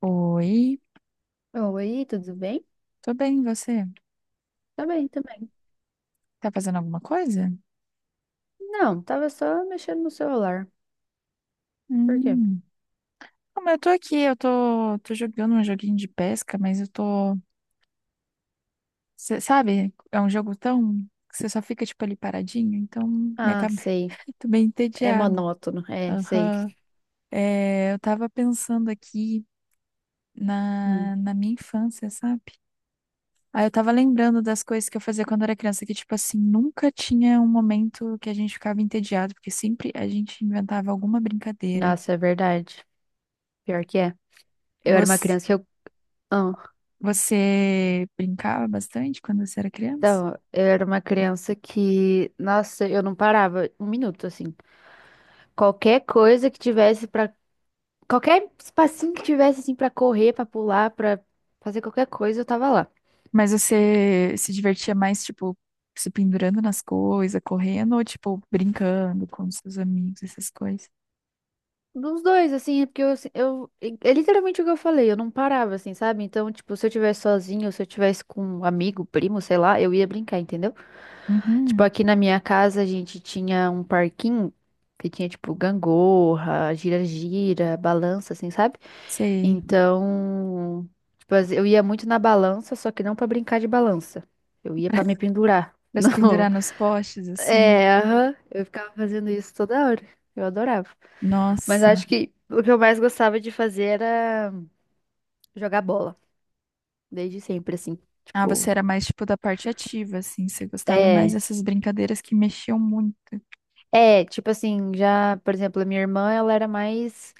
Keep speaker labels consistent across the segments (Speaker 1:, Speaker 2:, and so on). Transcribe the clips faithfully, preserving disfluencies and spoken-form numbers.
Speaker 1: Oi,
Speaker 2: Oi, tudo bem?
Speaker 1: tô bem, e você?
Speaker 2: Tá bem, também.
Speaker 1: Tá fazendo alguma coisa?
Speaker 2: Não, tava só mexendo no celular. Por quê?
Speaker 1: Hum. Como eu tô aqui, eu tô, tô jogando um joguinho de pesca, mas eu tô, cê sabe, é um jogo tão que você só fica tipo ali paradinho, então minha
Speaker 2: Ah,
Speaker 1: cabeça
Speaker 2: sei.
Speaker 1: tô bem
Speaker 2: É
Speaker 1: entediada.
Speaker 2: monótono. É, sei.
Speaker 1: Aham. É, eu tava pensando aqui
Speaker 2: Hum.
Speaker 1: na, na minha infância, sabe? Aí eu tava lembrando das coisas que eu fazia quando era criança, que, tipo assim, nunca tinha um momento que a gente ficava entediado, porque sempre a gente inventava alguma brincadeira.
Speaker 2: Nossa, é verdade. Pior que é. Eu era uma
Speaker 1: Você,
Speaker 2: criança que eu. Ah,
Speaker 1: você brincava bastante quando você era criança?
Speaker 2: então, eu era uma criança que. Nossa, eu não parava um minuto, assim. Qualquer coisa que tivesse pra. Qualquer espacinho que tivesse, assim, pra correr, pra pular, pra fazer qualquer coisa, eu tava lá.
Speaker 1: Mas você se divertia mais, tipo, se pendurando nas coisas, correndo, ou, tipo, brincando com seus amigos, essas coisas?
Speaker 2: Dos dois, assim, é porque eu, assim, eu, é é literalmente o que eu falei, eu não parava, assim, sabe? Então, tipo, se eu tivesse sozinho, se eu tivesse com um amigo, primo, sei lá, eu ia brincar, entendeu? Tipo,
Speaker 1: Uhum,
Speaker 2: aqui na minha casa a gente tinha um parquinho que tinha, tipo, gangorra, gira-gira, balança, assim, sabe?
Speaker 1: sei.
Speaker 2: Então, tipo, as- eu ia muito na balança, só que não pra brincar de balança. Eu ia pra me pendurar
Speaker 1: Pra se
Speaker 2: no,
Speaker 1: pendurar nos postes, assim.
Speaker 2: é, aham. Eu ficava fazendo isso toda hora. Eu adorava. Mas
Speaker 1: Nossa.
Speaker 2: acho que o que eu mais gostava de fazer era jogar bola. Desde sempre, assim.
Speaker 1: Ah,
Speaker 2: Tipo,
Speaker 1: você era mais, tipo, da parte ativa, assim. Você gostava mais
Speaker 2: é.
Speaker 1: dessas brincadeiras que mexiam muito.
Speaker 2: É, tipo assim, já, por exemplo, a minha irmã, ela era mais.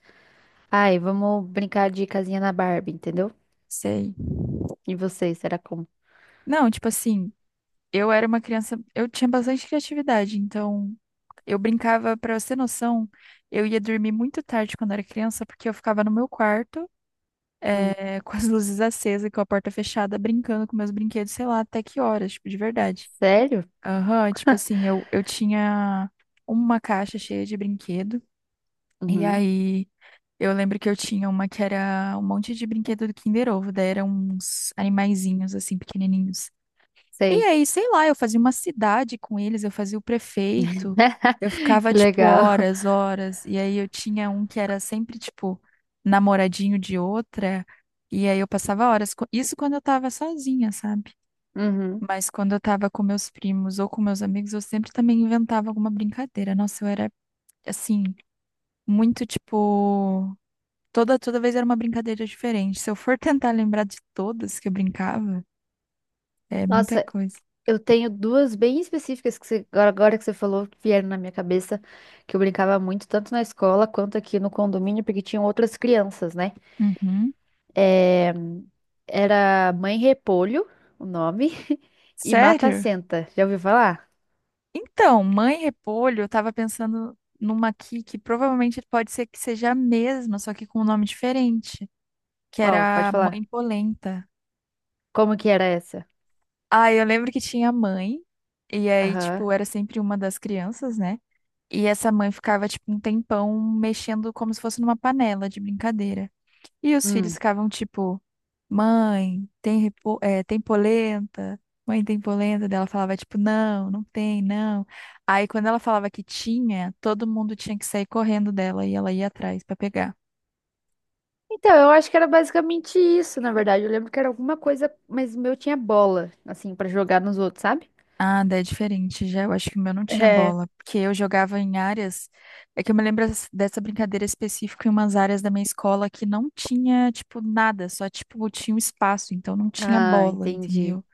Speaker 2: Ai, vamos brincar de casinha na Barbie, entendeu?
Speaker 1: Sei.
Speaker 2: E vocês, era como?
Speaker 1: Não, tipo assim, eu era uma criança. Eu tinha bastante criatividade, então. Eu brincava, pra você ter noção, eu ia dormir muito tarde quando era criança, porque eu ficava no meu quarto,
Speaker 2: Hum.
Speaker 1: eh, com as luzes acesas, e com a porta fechada, brincando com meus brinquedos, sei lá, até que horas, tipo, de verdade.
Speaker 2: Sério?
Speaker 1: Aham, tipo assim, eu, eu tinha uma caixa cheia de brinquedo, e
Speaker 2: Uhum.
Speaker 1: aí eu lembro que eu tinha uma que era um monte de brinquedo do Kinder Ovo, daí eram uns animaizinhos, assim, pequenininhos. E
Speaker 2: Sei.
Speaker 1: aí, sei lá, eu fazia uma cidade com eles, eu fazia o prefeito, eu ficava,
Speaker 2: Que
Speaker 1: tipo,
Speaker 2: legal.
Speaker 1: horas, horas, e aí eu tinha um que era sempre, tipo, namoradinho de outra, e aí eu passava horas, co- isso quando eu tava sozinha, sabe?
Speaker 2: Uhum.
Speaker 1: Mas quando eu tava com meus primos ou com meus amigos, eu sempre também inventava alguma brincadeira. Nossa, eu era, assim, muito, tipo, toda, toda vez era uma brincadeira diferente. Se eu for tentar lembrar de todas que eu brincava, é muita
Speaker 2: Nossa,
Speaker 1: coisa.
Speaker 2: eu tenho duas bem específicas que você- agora agora que você falou que vieram na minha cabeça, que eu brincava muito, tanto na escola quanto aqui no condomínio, porque tinham outras crianças, né?
Speaker 1: Uhum.
Speaker 2: É, era Mãe Repolho, o nome, e Mata
Speaker 1: Sério?
Speaker 2: Senta. Já ouviu falar?
Speaker 1: Então, Mãe Repolho, eu tava pensando numa aqui que provavelmente pode ser que seja a mesma, só que com um nome diferente, que
Speaker 2: Qual? Pode
Speaker 1: era
Speaker 2: falar.
Speaker 1: Mãe Polenta.
Speaker 2: Como que era essa?
Speaker 1: Ah, eu lembro que tinha a mãe, e aí,
Speaker 2: Aham.
Speaker 1: tipo, era sempre uma das crianças, né? E essa mãe ficava, tipo, um tempão mexendo como se fosse numa panela de brincadeira. E os filhos
Speaker 2: Hum.
Speaker 1: ficavam tipo, mãe, tem, repo- é, tem polenta? Mãe, tem polenta? Daí Ela falava tipo, não, não tem, não. Aí quando ela falava que tinha, todo mundo tinha que sair correndo dela e ela ia atrás pra pegar.
Speaker 2: Então, eu acho que era basicamente isso, na verdade. Eu lembro que era alguma coisa, mas o meu tinha bola, assim, pra jogar nos outros, sabe?
Speaker 1: Ah, daí é diferente, já eu acho que o meu não tinha
Speaker 2: É.
Speaker 1: bola, porque eu jogava em áreas, é que eu me lembro as- dessa brincadeira específica em umas áreas da minha escola que não tinha, tipo, nada, só, tipo, tinha um espaço, então não tinha
Speaker 2: Ah,
Speaker 1: bola,
Speaker 2: entendi.
Speaker 1: entendeu?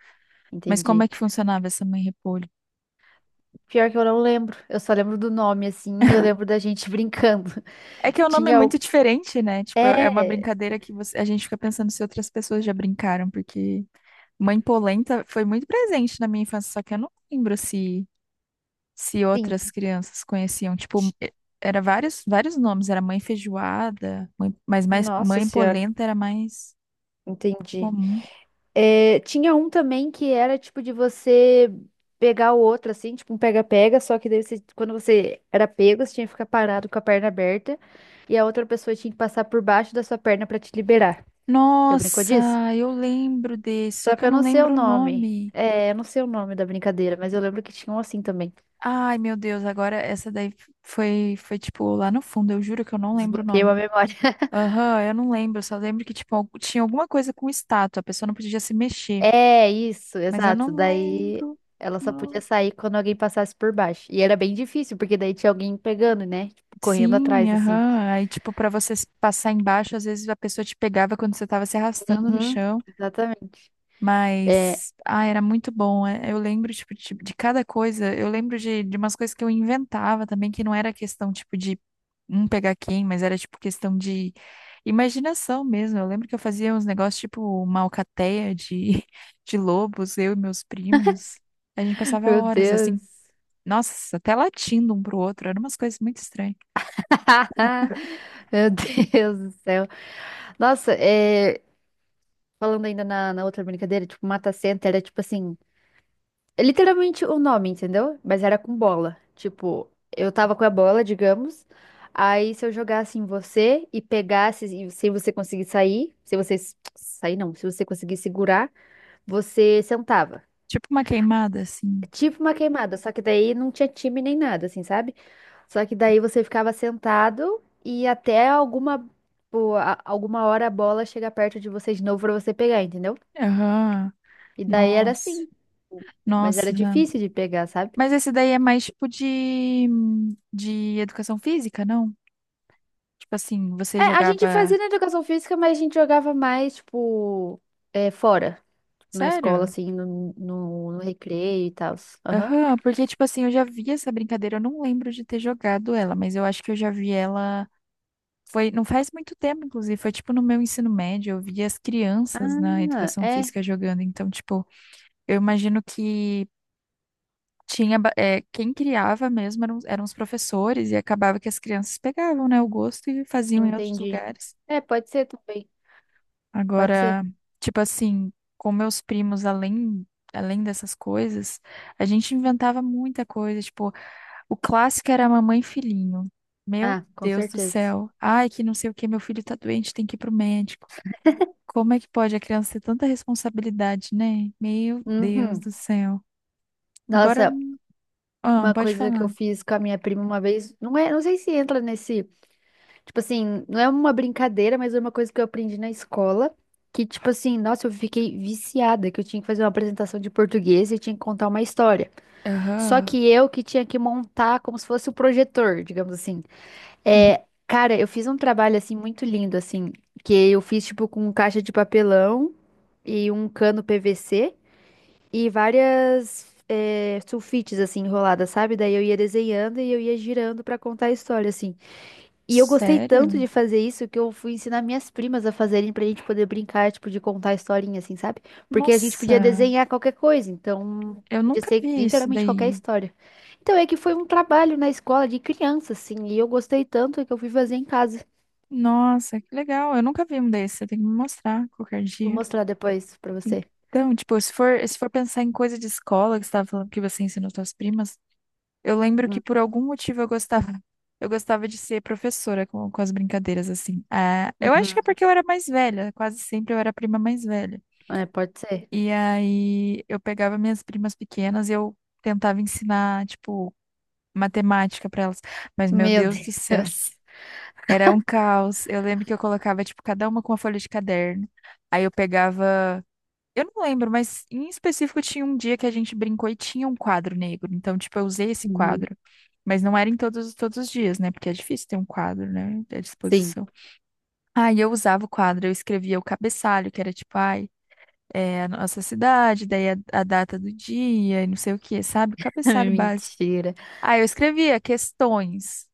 Speaker 1: Mas como
Speaker 2: Entendi.
Speaker 1: é que funcionava essa mãe repolho?
Speaker 2: Pior que eu não lembro. Eu só lembro do nome, assim. Eu lembro da gente brincando.
Speaker 1: É que o nome é
Speaker 2: Tinha
Speaker 1: muito
Speaker 2: o.
Speaker 1: diferente, né? Tipo, é uma
Speaker 2: É,
Speaker 1: brincadeira que você- a gente fica pensando se outras pessoas já brincaram, porque mãe polenta foi muito presente na minha infância, só que eu não lembro se, se outras
Speaker 2: sim.
Speaker 1: crianças conheciam. Tipo, e- era vários, vários nomes, era mãe feijoada, mãe- mas mais
Speaker 2: Nossa
Speaker 1: mãe
Speaker 2: Senhora,
Speaker 1: polenta era mais
Speaker 2: entendi.
Speaker 1: comum.
Speaker 2: É, tinha um também que era tipo de você pegar o outro, assim, tipo um pega-pega, só que daí você- quando você era pego, você tinha que ficar parado com a perna aberta e a outra pessoa tinha que passar por baixo da sua perna pra te liberar. Já brincou disso?
Speaker 1: Nossa, eu lembro desse, só
Speaker 2: Só
Speaker 1: que
Speaker 2: que
Speaker 1: eu
Speaker 2: eu
Speaker 1: não
Speaker 2: não sei o
Speaker 1: lembro o
Speaker 2: nome.
Speaker 1: nome.
Speaker 2: É, eu não sei o nome da brincadeira, mas eu lembro que tinha um assim também.
Speaker 1: Ai, meu Deus, agora essa daí foi, foi tipo lá no fundo, eu juro que eu não lembro o
Speaker 2: Desbloqueei uma
Speaker 1: nome.
Speaker 2: memória.
Speaker 1: Aham, eu não lembro, só lembro que, tipo, algu- tinha alguma coisa com estátua, a pessoa não podia se mexer,
Speaker 2: É, isso,
Speaker 1: mas eu
Speaker 2: exato.
Speaker 1: não
Speaker 2: Daí
Speaker 1: lembro.
Speaker 2: ela só podia
Speaker 1: Não.
Speaker 2: sair quando alguém passasse por baixo. E era bem difícil, porque daí tinha alguém pegando, né? Tipo, correndo
Speaker 1: Sim,
Speaker 2: atrás, assim.
Speaker 1: aham. Aí, tipo, pra você s- passar embaixo, às vezes a pessoa te pegava quando você tava se arrastando no
Speaker 2: Uhum,
Speaker 1: chão.
Speaker 2: exatamente. É,
Speaker 1: Mas, ah, era muito bom. é- Eu lembro, tipo, de, de cada coisa. Eu lembro de, de umas coisas que eu inventava também, que não era questão, tipo, de um pegar quem, mas era, tipo, questão de imaginação mesmo. Eu lembro que eu fazia uns negócios, tipo, uma alcateia de, de lobos, eu e meus primos. A gente passava
Speaker 2: meu
Speaker 1: horas, assim,
Speaker 2: Deus.
Speaker 1: nossa, até latindo um pro outro. Eram umas coisas muito estranhas.
Speaker 2: Meu Deus do céu. Nossa, é, falando ainda na, na outra brincadeira, tipo, mata-senta, era tipo assim. É literalmente o nome, entendeu? Mas era com bola. Tipo, eu tava com a bola, digamos. Aí se eu jogasse em você e pegasse, e se você conseguir sair, se você s- sair não, se você conseguir segurar, você sentava.
Speaker 1: Tipo uma queimada,
Speaker 2: É
Speaker 1: assim.
Speaker 2: tipo uma queimada, só que daí não tinha time nem nada, assim, sabe? Só que daí você ficava sentado e até alguma, pô, a- alguma hora a bola chega perto de você de novo pra você pegar, entendeu?
Speaker 1: Aham.
Speaker 2: E daí era
Speaker 1: Nossa.
Speaker 2: assim. Mas era
Speaker 1: Nossa.
Speaker 2: difícil de pegar, sabe?
Speaker 1: Mas esse daí é mais tipo de, de educação física, não? Tipo assim, você
Speaker 2: É, a gente
Speaker 1: jogava.
Speaker 2: fazia na educação física, mas a gente jogava mais, tipo, é, fora, tipo, na
Speaker 1: Sério?
Speaker 2: escola, assim, no, no, no recreio e tal. Aham.
Speaker 1: Aham, porque tipo assim, eu já vi essa brincadeira, eu não lembro de ter jogado ela, mas eu acho que eu já vi ela. Foi, não faz muito tempo, inclusive, foi tipo no meu ensino médio, eu vi as crianças na
Speaker 2: Ah,
Speaker 1: educação
Speaker 2: é,
Speaker 1: física jogando, então, tipo, eu imagino que tinha, ba- é, quem criava mesmo eram, eram os professores e acabava que as crianças pegavam, né, o gosto e faziam em outros
Speaker 2: entendi.
Speaker 1: lugares.
Speaker 2: É, pode ser também. Pode ser.
Speaker 1: Agora, tipo assim, com meus primos, além, além dessas coisas, a gente inventava muita coisa. Tipo, o clássico era mamãe e filhinho. Meu
Speaker 2: Ah, com
Speaker 1: Deus do
Speaker 2: certeza.
Speaker 1: céu. Ai, que não sei o que, meu filho tá doente, tem que ir pro médico. Como é que pode a criança ter tanta responsabilidade, né? Meu Deus do
Speaker 2: Uhum.
Speaker 1: céu. Agora,
Speaker 2: Nossa,
Speaker 1: ah,
Speaker 2: uma
Speaker 1: pode
Speaker 2: coisa que eu
Speaker 1: falar.
Speaker 2: fiz com a minha prima uma vez, não é, não sei se entra nesse, tipo assim, não é uma brincadeira, mas é uma coisa que eu aprendi na escola, que tipo assim, nossa, eu fiquei viciada, que eu tinha que fazer uma apresentação de português e tinha que contar uma história. Só
Speaker 1: Aham.
Speaker 2: que eu que tinha que montar como se fosse o projetor, digamos assim.
Speaker 1: Uhum.
Speaker 2: É, cara, eu fiz um trabalho assim muito lindo, assim, que eu fiz tipo com caixa de papelão e um cano PVC e várias é, sulfites assim enroladas, sabe? Daí eu ia desenhando e eu ia girando pra contar a história, assim. E eu gostei tanto
Speaker 1: Sério?
Speaker 2: de fazer isso que eu fui ensinar minhas primas a fazerem pra gente poder brincar, tipo, de contar a historinha, assim, sabe? Porque a gente podia
Speaker 1: Nossa,
Speaker 2: desenhar qualquer coisa, então
Speaker 1: eu
Speaker 2: podia
Speaker 1: nunca
Speaker 2: ser
Speaker 1: vi isso
Speaker 2: literalmente qualquer
Speaker 1: daí.
Speaker 2: história. Então é que foi um trabalho na escola de criança, assim, e eu gostei tanto que eu fui fazer em casa.
Speaker 1: Nossa, que legal. Eu nunca vi um desse. Você tem que me mostrar qualquer
Speaker 2: Vou
Speaker 1: dia.
Speaker 2: mostrar depois pra você.
Speaker 1: Então, tipo, se for, se for pensar em coisa de escola, que você estava falando que você ensinou suas primas, eu lembro que
Speaker 2: Hum,
Speaker 1: por algum motivo eu gostava. Eu gostava de ser professora com, com as brincadeiras, assim. Ah, eu acho que
Speaker 2: Uhum.
Speaker 1: é porque eu era mais velha. Quase sempre eu era a prima mais velha.
Speaker 2: É, pode ser.
Speaker 1: E aí eu pegava minhas primas pequenas e eu tentava ensinar, tipo, matemática para elas. Mas, meu
Speaker 2: Meu
Speaker 1: Deus do céu.
Speaker 2: Deus.
Speaker 1: Era um caos. Eu lembro que eu colocava, tipo, cada uma com uma folha de caderno. Aí eu pegava. Eu não lembro, mas em específico tinha um dia que a gente brincou e tinha um quadro negro. Então, tipo, eu usei esse
Speaker 2: Uhum.
Speaker 1: quadro. Mas não era em todos, todos os dias, né? Porque é difícil ter um quadro, né? À
Speaker 2: Sim.
Speaker 1: disposição. Aí eu usava o quadro, eu escrevia o cabeçalho, que era tipo, ai, é a nossa cidade, daí a, a data do dia e não sei o quê, sabe? O cabeçalho básico.
Speaker 2: Mentira.
Speaker 1: Aí eu escrevia questões.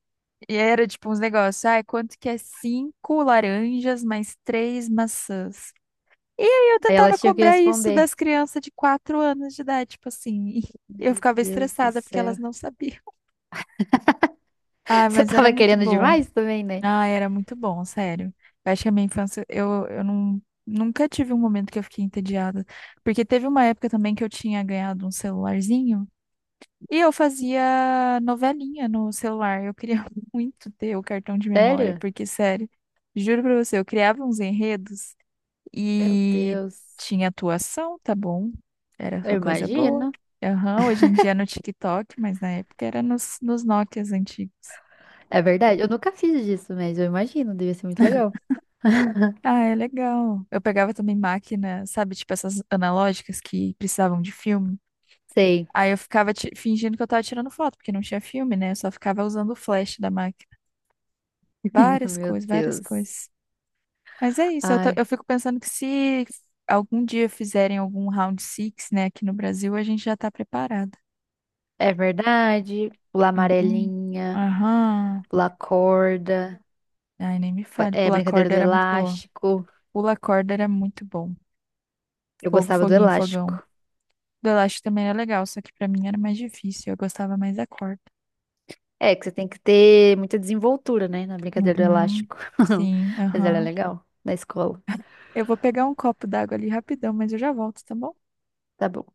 Speaker 1: E era tipo uns negócios, ai, quanto que é cinco laranjas mais três maçãs? E aí eu
Speaker 2: Aí
Speaker 1: tentava
Speaker 2: elas tinham que
Speaker 1: cobrar isso
Speaker 2: responder.
Speaker 1: das crianças de quatro anos de idade, tipo assim. E eu
Speaker 2: Meu
Speaker 1: ficava
Speaker 2: Deus do
Speaker 1: estressada porque
Speaker 2: céu.
Speaker 1: elas não sabiam. Ah,
Speaker 2: Você
Speaker 1: mas era
Speaker 2: tava
Speaker 1: muito
Speaker 2: querendo
Speaker 1: bom.
Speaker 2: demais também, né?
Speaker 1: Ah, era muito bom, sério. Eu acho que a minha infância, eu, eu não, nunca tive um momento que eu fiquei entediada. Porque teve uma época também que eu tinha ganhado um celularzinho. E eu fazia novelinha no celular. Eu queria muito ter o cartão de memória,
Speaker 2: Sério?
Speaker 1: porque, sério, juro pra você, eu criava uns enredos
Speaker 2: Meu
Speaker 1: e
Speaker 2: Deus.
Speaker 1: tinha atuação, tá bom? Era
Speaker 2: Eu
Speaker 1: só coisa boa.
Speaker 2: imagino.
Speaker 1: Aham, hoje em dia é no TikTok, mas na época era nos, nos Nokias antigos.
Speaker 2: É verdade. Eu nunca fiz disso, mas eu imagino. Devia ser muito legal.
Speaker 1: Ah, é legal. Eu pegava também máquina, sabe, tipo essas analógicas que precisavam de filme.
Speaker 2: Sei.
Speaker 1: Aí eu ficava ti- fingindo que eu tava tirando foto, porque não tinha filme, né? Eu só ficava usando o flash da máquina. Várias
Speaker 2: Meu
Speaker 1: coisas, várias
Speaker 2: Deus.
Speaker 1: coisas. Mas é isso, eu, tô-
Speaker 2: Ai.
Speaker 1: eu fico pensando que se algum dia fizerem algum round six, né, aqui no Brasil, a gente já tá preparado.
Speaker 2: É verdade. Pular
Speaker 1: Uhum.
Speaker 2: amarelinha,
Speaker 1: Aham.
Speaker 2: pular corda,
Speaker 1: Ai, nem me
Speaker 2: fa-
Speaker 1: fale.
Speaker 2: é
Speaker 1: Pula
Speaker 2: brincadeira
Speaker 1: corda
Speaker 2: do
Speaker 1: era muito boa.
Speaker 2: elástico.
Speaker 1: Pula corda era muito bom.
Speaker 2: Eu
Speaker 1: Fogo,
Speaker 2: gostava do
Speaker 1: foguinho, fogão.
Speaker 2: elástico.
Speaker 1: Do elástico também era legal, só que pra mim era mais difícil. Eu gostava mais da corda.
Speaker 2: É que você tem que ter muita desenvoltura, né, na brincadeira do
Speaker 1: Uhum.
Speaker 2: elástico.
Speaker 1: Sim,
Speaker 2: Mas ela é
Speaker 1: aham.
Speaker 2: legal na escola.
Speaker 1: Eu vou pegar um copo d'água ali rapidão, mas eu já volto, tá bom?
Speaker 2: Tá bom.